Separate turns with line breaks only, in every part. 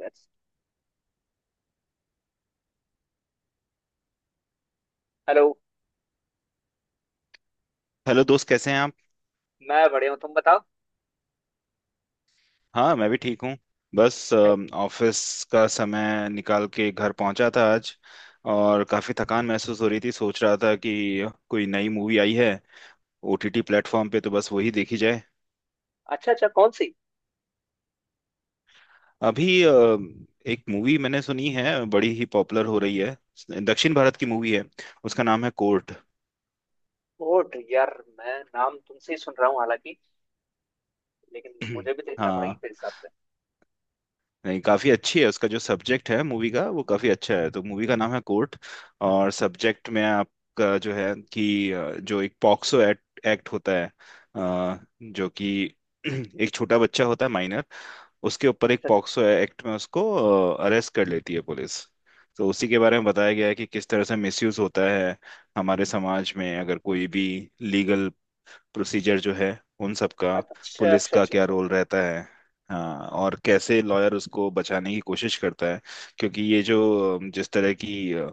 Let's. Hello.
Hello दोस्त, कैसे हैं आप?
मैं बढ़िया हूँ, तुम बताओ।
हाँ, मैं भी ठीक हूँ। बस ऑफिस का समय निकाल के घर पहुंचा था आज, और काफ़ी थकान महसूस हो रही थी। सोच रहा था कि कोई नई मूवी आई है ओटीटी प्लेटफॉर्म पे, तो बस वही देखी जाए।
अच्छा अच्छा, कौन सी?
अभी एक मूवी मैंने सुनी है, बड़ी ही पॉपुलर हो रही है। दक्षिण भारत की मूवी है, उसका नाम है कोर्ट।
ओट यार, मैं नाम तुमसे ही सुन रहा हूँ हालांकि, लेकिन मुझे भी देखना पड़ेगी
हाँ,
फिर हिसाब से।
नहीं, काफी अच्छी है। उसका जो सब्जेक्ट है मूवी का वो काफी अच्छा है। तो मूवी का नाम है कोर्ट, और सब्जेक्ट में आपका जो है कि जो एक पॉक्सो एक्ट, एक्ट होता है, जो कि एक छोटा बच्चा होता है माइनर, उसके ऊपर एक पॉक्सो एक्ट में उसको अरेस्ट कर लेती है पुलिस। तो उसी के बारे में बताया गया है कि किस तरह से मिसयूज होता है हमारे समाज में। अगर कोई भी लीगल प्रोसीजर जो है उन सब का,
अच्छा अच्छा
पुलिस
अच्छा
का
अच्छा
क्या
अच्छा
रोल
अच्छा।
रहता है। हाँ, और कैसे लॉयर उसको बचाने की कोशिश करता है, क्योंकि ये जो जिस तरह की अ,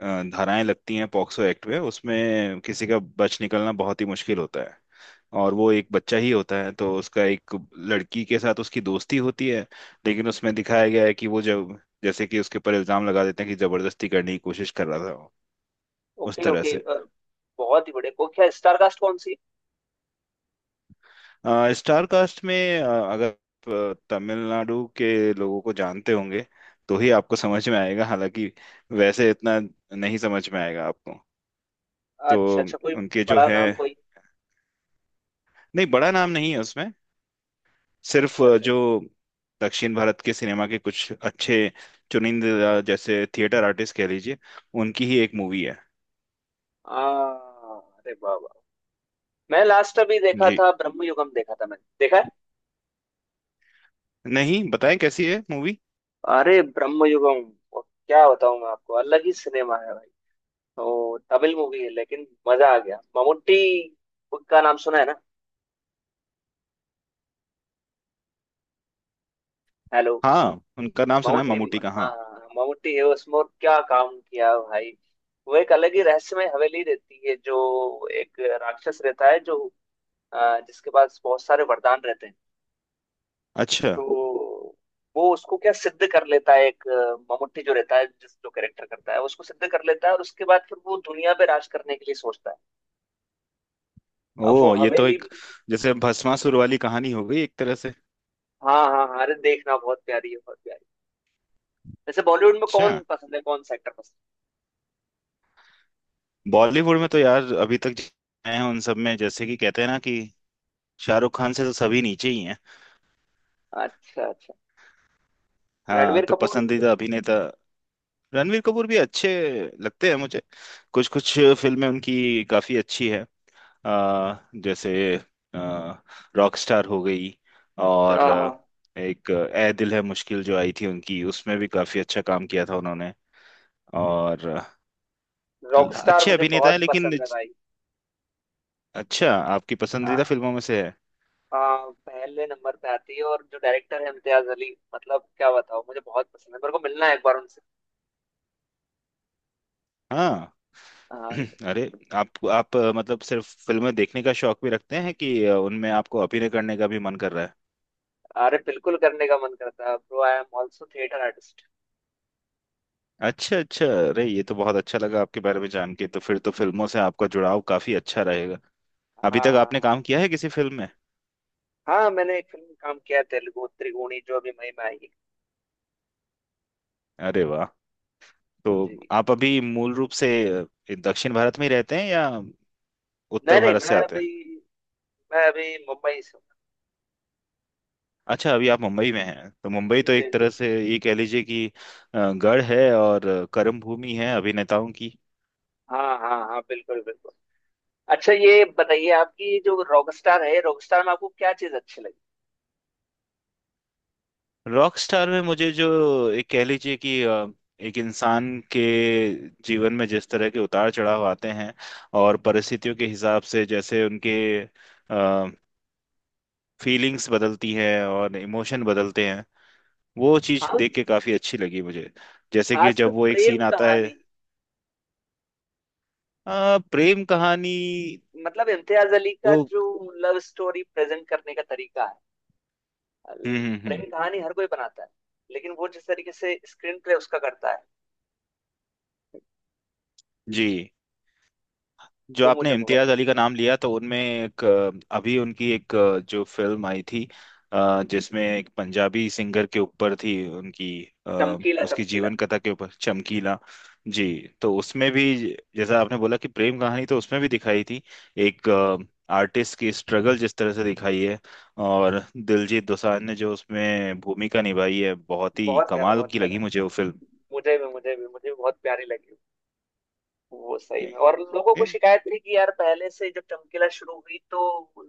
अ, धाराएं लगती हैं पॉक्सो एक्ट में, उसमें किसी का बच निकलना बहुत ही मुश्किल होता है। और वो एक बच्चा ही होता है, तो उसका एक लड़की के साथ उसकी दोस्ती होती है, लेकिन उसमें दिखाया गया है कि वो जब, जैसे कि उसके ऊपर इल्जाम लगा देते हैं कि जबरदस्ती करने की कोशिश कर रहा था वो, उस
ओके
तरह
ओके,
से।
बहुत ही बढ़िया। को क्या स्टार कास्ट कौन सी?
स्टार कास्ट में अ, अगर आप, तमिलनाडु के लोगों को जानते होंगे तो ही आपको समझ में आएगा, हालांकि वैसे इतना नहीं समझ में आएगा आपको। तो
अच्छा अच्छा, कोई
उनके जो
बड़ा
है,
नाम कोई?
नहीं, बड़ा नाम नहीं है उसमें। सिर्फ
अच्छा अच्छा।
जो दक्षिण भारत के सिनेमा के कुछ अच्छे चुनिंदा जैसे थिएटर आर्टिस्ट कह लीजिए, उनकी ही एक मूवी है।
आ, अरे वाह वाह। मैं लास्ट अभी देखा
जी,
था, ब्रह्मयुगम देखा था, मैंने देखा है।
नहीं, बताएं कैसी है मूवी।
अरे ब्रह्मयुगम, क्या बताऊं मैं आपको, अलग ही सिनेमा है भाई। तो तमिल मूवी है, लेकिन मजा आ गया। ममूटी का नाम सुना है ना? हेलो।
हाँ, उनका नाम सुना है,
ममूटी
ममूटी का,
हाँ
हाँ।
हाँ, ममूटी है उसमें। और क्या काम किया भाई, वो एक अलग ही रहस्यमय हवेली रहती है, जो एक राक्षस रहता है, जो जिसके पास बहुत सारे वरदान रहते हैं।
अच्छा।
तो वो उसको क्या सिद्ध कर लेता है, एक ममूटी जो रहता है, जिस जो कैरेक्टर करता है उसको सिद्ध कर लेता है, और उसके बाद फिर वो दुनिया पे राज करने के लिए सोचता है। अब वो
ओ, ये तो
हवेली।
एक जैसे भस्मासुर वाली कहानी हो गई एक तरह से।
हाँ हाँ हाँ, अरे देखना, बहुत प्यारी है बहुत प्यारी। वैसे बॉलीवुड में
अच्छा,
कौन पसंद है, कौन सा एक्टर पसंद
बॉलीवुड में तो यार अभी तक आए हैं उन सब में जैसे कि कहते हैं ना कि शाहरुख खान से तो सभी नीचे ही हैं।
है? अच्छा अच्छा,
हाँ,
रणवीर
तो
कपूर।
पसंदीदा अभिनेता। रणवीर कपूर भी अच्छे लगते हैं मुझे। कुछ कुछ फिल्में उनकी काफी अच्छी है, आ, जैसे रॉकस्टार हो गई, और एक ए दिल है मुश्किल जो आई थी उनकी, उसमें भी काफी अच्छा काम किया था उन्होंने। और
रॉक स्टार
अच्छे
मुझे
अभिनेता है,
बहुत
लेकिन
पसंद है भाई।
अच्छा, आपकी
आ,
पसंदीदा फिल्मों में से है।
आ, पहले नंबर पे आती है। और जो डायरेक्टर है इम्तियाज अली, मतलब क्या बताओ, मुझे बहुत पसंद है, मेरे को मिलना है एक बार उनसे।
हाँ।
हाँ,
अरे, आप मतलब सिर्फ फिल्में देखने का शौक भी रखते हैं कि उनमें आपको अभिनय करने का भी मन कर रहा है?
अरे बिल्कुल करने का मन करता है bro, I am also theatre artist.
अच्छा, अच्छा, अरे ये तो बहुत अच्छा लगा आपके बारे में जान के। तो फिर तो फिल्मों से आपका जुड़ाव काफी अच्छा रहेगा। अभी
हाँ
तक
हाँ
आपने काम
हाँ।
किया है किसी फिल्म में?
हाँ मैंने एक फिल्म में काम किया है, तेलुगु त्रिगुणी जो अभी मई में आई है।
अरे वाह। तो
जी।
आप अभी मूल रूप से अ, दक्षिण भारत में ही रहते हैं या उत्तर
नहीं नहीं
भारत से
मैं
आते
अभी
हैं?
मैं अभी मुंबई से
अच्छा, अभी आप मुंबई में हैं। तो मुंबई
हूँ।
तो
जी
एक तरह
जी।
से ये कह लीजिए कि गढ़ है और कर्म भूमि है अभिनेताओं की।
हाँ हाँ हाँ बिल्कुल बिल्कुल। अच्छा ये बताइए, आपकी ये जो रॉकस्टार है, रॉकस्टार में आपको क्या चीज अच्छी लगी?
रॉक स्टार में मुझे जो एक कह लीजिए कि एक इंसान के जीवन में जिस तरह के उतार चढ़ाव आते हैं और परिस्थितियों के हिसाब से जैसे उनके फीलिंग्स बदलती हैं और इमोशन बदलते हैं, वो चीज़
हाँ,
देख के काफ़ी अच्छी लगी मुझे। जैसे कि
खासकर
जब वो एक सीन
प्रेम
आता है।
कहानी।
प्रेम कहानी।
मतलब इम्तियाज अली
वो।
का जो लव स्टोरी प्रेजेंट करने का तरीका है।
हम्म, हम्म, हम्म।
प्रेम कहानी हर कोई बनाता है, लेकिन वो जिस तरीके से स्क्रीन प्ले उसका करता है,
जी। जो
वो
आपने
मुझे बहुत
इम्तियाज अली का
पसंद है।
नाम लिया, तो उनमें एक अभी उनकी एक जो फिल्म आई थी, जिसमें एक पंजाबी सिंगर के ऊपर थी उनकी, अ,
चमकीला
उसकी
चमकीला।
जीवन कथा के ऊपर, चमकीला। जी। तो उसमें भी, जैसा आपने बोला कि प्रेम कहानी, तो उसमें भी दिखाई थी एक आर्टिस्ट की स्ट्रगल जिस तरह से दिखाई है, और दिलजीत दोसांझ ने जो उसमें भूमिका निभाई है, बहुत ही
बहुत प्यारा
कमाल
बहुत
की लगी
प्यारा,
मुझे वो फिल्म।
मुझे भी मुझे भी मुझे भी बहुत प्यारी लगी। वो सही में, और लोगों को
जी।
शिकायत थी कि यार, पहले से जब चमकीला शुरू हुई तो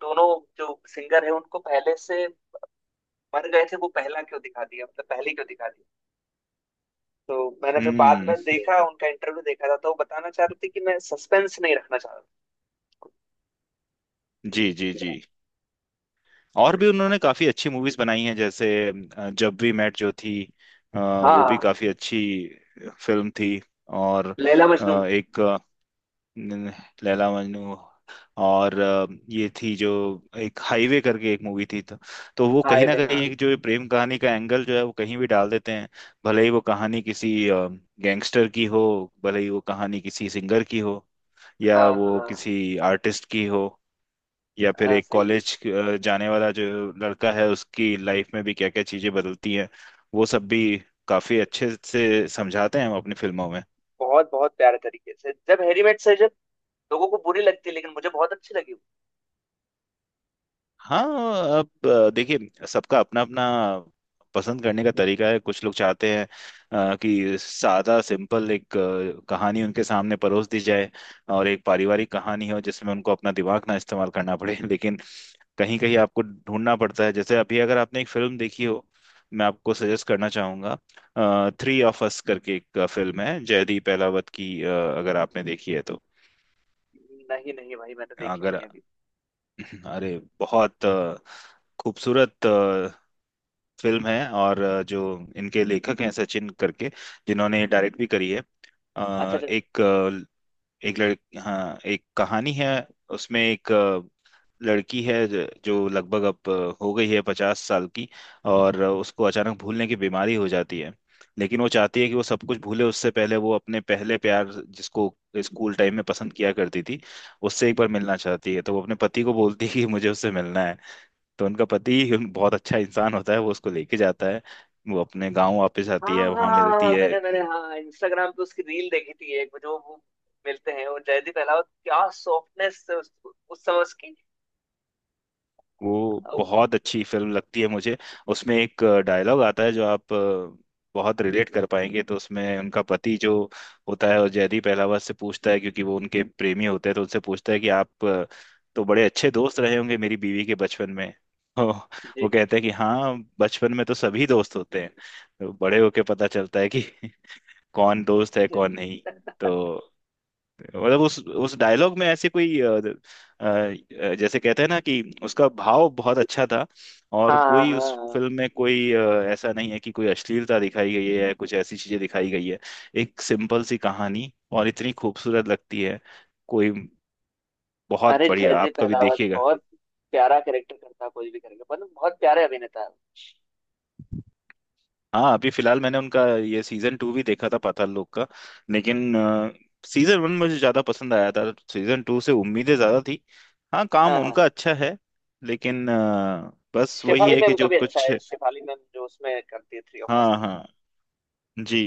दोनों जो सिंगर है उनको पहले से मर गए थे वो, पहला क्यों दिखा दिया, मतलब पहले क्यों दिखा दिया। तो मैंने फिर बाद
हम्म।
में देखा, उनका इंटरव्यू देखा था, तो वो बताना चाह रहे थे कि मैं सस्पेंस नहीं रखना चाह
जी, जी,
रहा
जी। और भी
था।
उन्होंने काफी अच्छी मूवीज बनाई हैं, जैसे जब वी मेट जो थी, वो भी
हाँ,
काफी अच्छी फिल्म थी। और
लैला मजनू।
अ, एक अ, न- लैला मजनू, और ये थी जो एक हाईवे करके एक मूवी थी, तो वो
हाय
कहीं ना
बे,
कहीं
हाँ
एक जो ये प्रेम कहानी का एंगल जो है वो कहीं भी डाल देते हैं। भले ही वो कहानी किसी गैंगस्टर की हो, भले ही वो कहानी किसी सिंगर की हो, या
हाँ
वो
हाँ
किसी आर्टिस्ट की हो, या फिर
हाँ,
एक
सही है।
कॉलेज जाने वाला जो लड़का है उसकी लाइफ में भी क्या क्या चीजें बदलती हैं, वो सब भी काफी अच्छे से समझाते हैं हम अपनी फिल्मों में।
बहुत बहुत प्यारे तरीके से, जब हैरी मेट से जब, लोगों को बुरी लगती है, लेकिन मुझे बहुत अच्छी लगी वो।
हाँ। अब देखिए, सबका अपना अपना पसंद करने का तरीका है। कुछ लोग चाहते हैं कि सादा सिंपल एक कहानी उनके सामने परोस दी जाए, और एक पारिवारिक कहानी हो जिसमें उनको अपना दिमाग ना इस्तेमाल करना पड़े। लेकिन कहीं कहीं आपको ढूंढना पड़ता है। जैसे अभी, अगर आपने एक फिल्म देखी हो, मैं आपको सजेस्ट करना चाहूंगा, थ्री ऑफ अस करके एक फिल्म है जयदीप एलावत की, अगर आपने देखी है तो।
नहीं नहीं भाई, मैंने देखी
अगर
नहीं है अभी।
अरे, बहुत खूबसूरत फिल्म है, और जो इनके लेखक हैं सचिन करके, जिन्होंने डायरेक्ट भी करी है।
अच्छा अच्छा।
अ, एक लड़ हाँ, एक कहानी है, उसमें एक लड़की है जो लगभग अब हो गई है 50 साल की, और उसको अचानक भूलने की बीमारी हो जाती है। लेकिन वो चाहती है कि वो सब कुछ भूले, उससे पहले वो अपने पहले प्यार जिसको स्कूल टाइम में पसंद किया करती थी, उससे एक बार मिलना चाहती है। तो वो अपने पति को बोलती है कि मुझे उससे मिलना है। तो उनका पति उन बहुत अच्छा इंसान होता है, वो उसको लेके जाता है। वो अपने गांव वापस
हाँ
आती है,
हाँ हाँ
वहां
हाँ
मिलती
हाँ,
है।
मैंने मैंने हाँ, इंस्टाग्राम पे उसकी रील देखी थी, एक जो वो मिलते हैं, और जयदीप अहलावत क्या सॉफ्टनेस उस समय उसकी।
वो
ओ,
बहुत अच्छी फिल्म लगती है मुझे। उसमें एक डायलॉग आता है जो आप बहुत रिलेट कर पाएंगे। तो उसमें उनका पति जो होता है वो जयदीप अहलावत से पूछता है, क्योंकि वो उनके प्रेमी होते हैं, तो उनसे पूछता है कि आप तो बड़े अच्छे दोस्त रहे होंगे मेरी बीवी के बचपन में। तो
जय
वो कहते हैं कि हाँ, बचपन में तो सभी दोस्त होते हैं, तो बड़े होके पता चलता है कि कौन दोस्त है
जय।
कौन नहीं। तो मतलब उस डायलॉग में ऐसे कोई जैसे कहते हैं ना कि उसका भाव बहुत अच्छा था।
हाँ
और
हाँ
कोई उस
हाँ। हाँ।
फिल्म में कोई ऐसा नहीं है कि कोई अश्लीलता दिखाई गई है, कुछ ऐसी चीजें दिखाई गई है। एक सिंपल सी कहानी और इतनी खूबसूरत लगती है। कोई, बहुत
अरे जय
बढ़िया,
जय
आप कभी
पहलावत
देखिएगा।
बहुत प्यारा कैरेक्टर करता है, कोई भी करेगा मतलब, बहुत प्यारे अभिनेता है।
हाँ, अभी फिलहाल मैंने उनका ये सीजन 2 भी देखा था पाताल लोक का, लेकिन सीजन 1 मुझे ज्यादा पसंद आया था, सीजन 2 से उम्मीदें ज्यादा थी। हाँ, काम
हाँ
उनका
हाँ।
अच्छा है, लेकिन बस वही
शेफाली
है कि
मैम का
जो
भी अच्छा
कुछ।
है, शेफाली मैम जो उसमें करती है थ्री ऑफ अस
हाँ,
में।
हाँ। जी।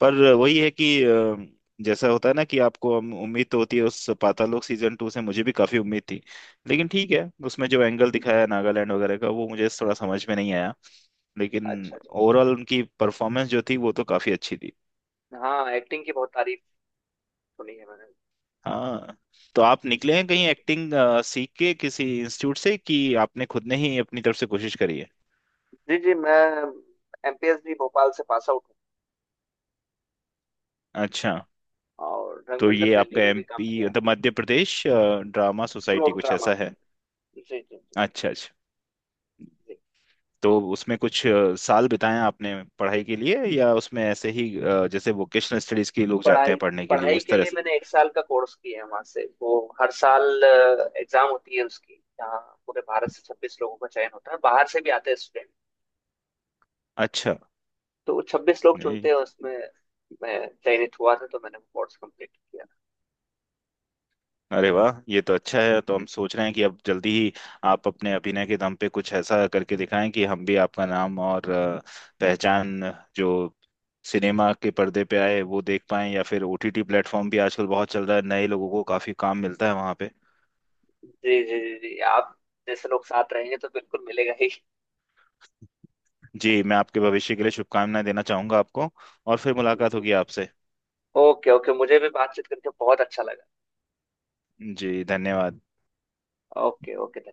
पर वही है कि जैसा होता है ना कि आपको उम्मीद तो होती है। उस पाताल लोक सीजन 2 से मुझे भी काफी उम्मीद थी, लेकिन ठीक है, उसमें जो एंगल दिखाया है नागालैंड वगैरह का वो मुझे थोड़ा समझ में नहीं आया, लेकिन
अच्छा अच्छा,
ओवरऑल उनकी परफॉर्मेंस जो थी वो तो काफी अच्छी थी।
हाँ एक्टिंग की बहुत तारीफ सुनी है मैंने।
हाँ, तो आप निकले हैं कहीं एक्टिंग सीख के किसी इंस्टीट्यूट से कि आपने खुद ने ही अपनी तरफ से कोशिश करी है?
जी जी, मैं एमपीएस भी भोपाल से पास आउट
अच्छा।
हूँ, और
तो
रंगमंडल
ये
दिल्ली
आपका
में भी काम
एमपी
किया है।
मतलब Madhya Pradesh drama
school
society
of
कुछ
ड्रामा।
ऐसा है?
जी जी जी।
अच्छा, अच्छा। तो उसमें कुछ साल बिताए आपने पढ़ाई के लिए, या उसमें ऐसे ही जैसे वोकेशनल स्टडीज के लोग जाते
पढ़ाई
हैं पढ़ने के लिए,
पढ़ाई
उस
के
तरह
लिए
से?
मैंने एक साल का कोर्स किया है वहां से, वो हर साल एग्जाम होती है उसकी, जहाँ पूरे भारत से 26 लोगों का चयन होता है, बाहर से भी आते हैं स्टूडेंट।
अच्छा।
तो 26 लोग
नहीं,
चुनते हैं उसमें, मैं चयनित हुआ था, तो मैंने वो कोर्स कंप्लीट किया।
अरे वाह, ये तो अच्छा है। तो हम सोच रहे हैं कि अब जल्दी ही आप अपने अभिनय के दम पे कुछ ऐसा करके दिखाएं कि हम भी आपका नाम और पहचान जो सिनेमा के पर्दे पे आए वो देख पाएं, या फिर ओटीटी प्लेटफॉर्म भी आजकल बहुत चल रहा है, नए लोगों को काफी काम मिलता है वहां पे।
जी जी जी जी, आप जैसे लोग साथ रहेंगे तो बिल्कुल मिलेगा ही।
जी। मैं आपके भविष्य के लिए शुभकामनाएं देना चाहूंगा आपको, और फिर मुलाकात होगी आपसे।
ओके ओके, मुझे भी बातचीत करके बहुत अच्छा लगा।
जी, धन्यवाद।
Okay okay.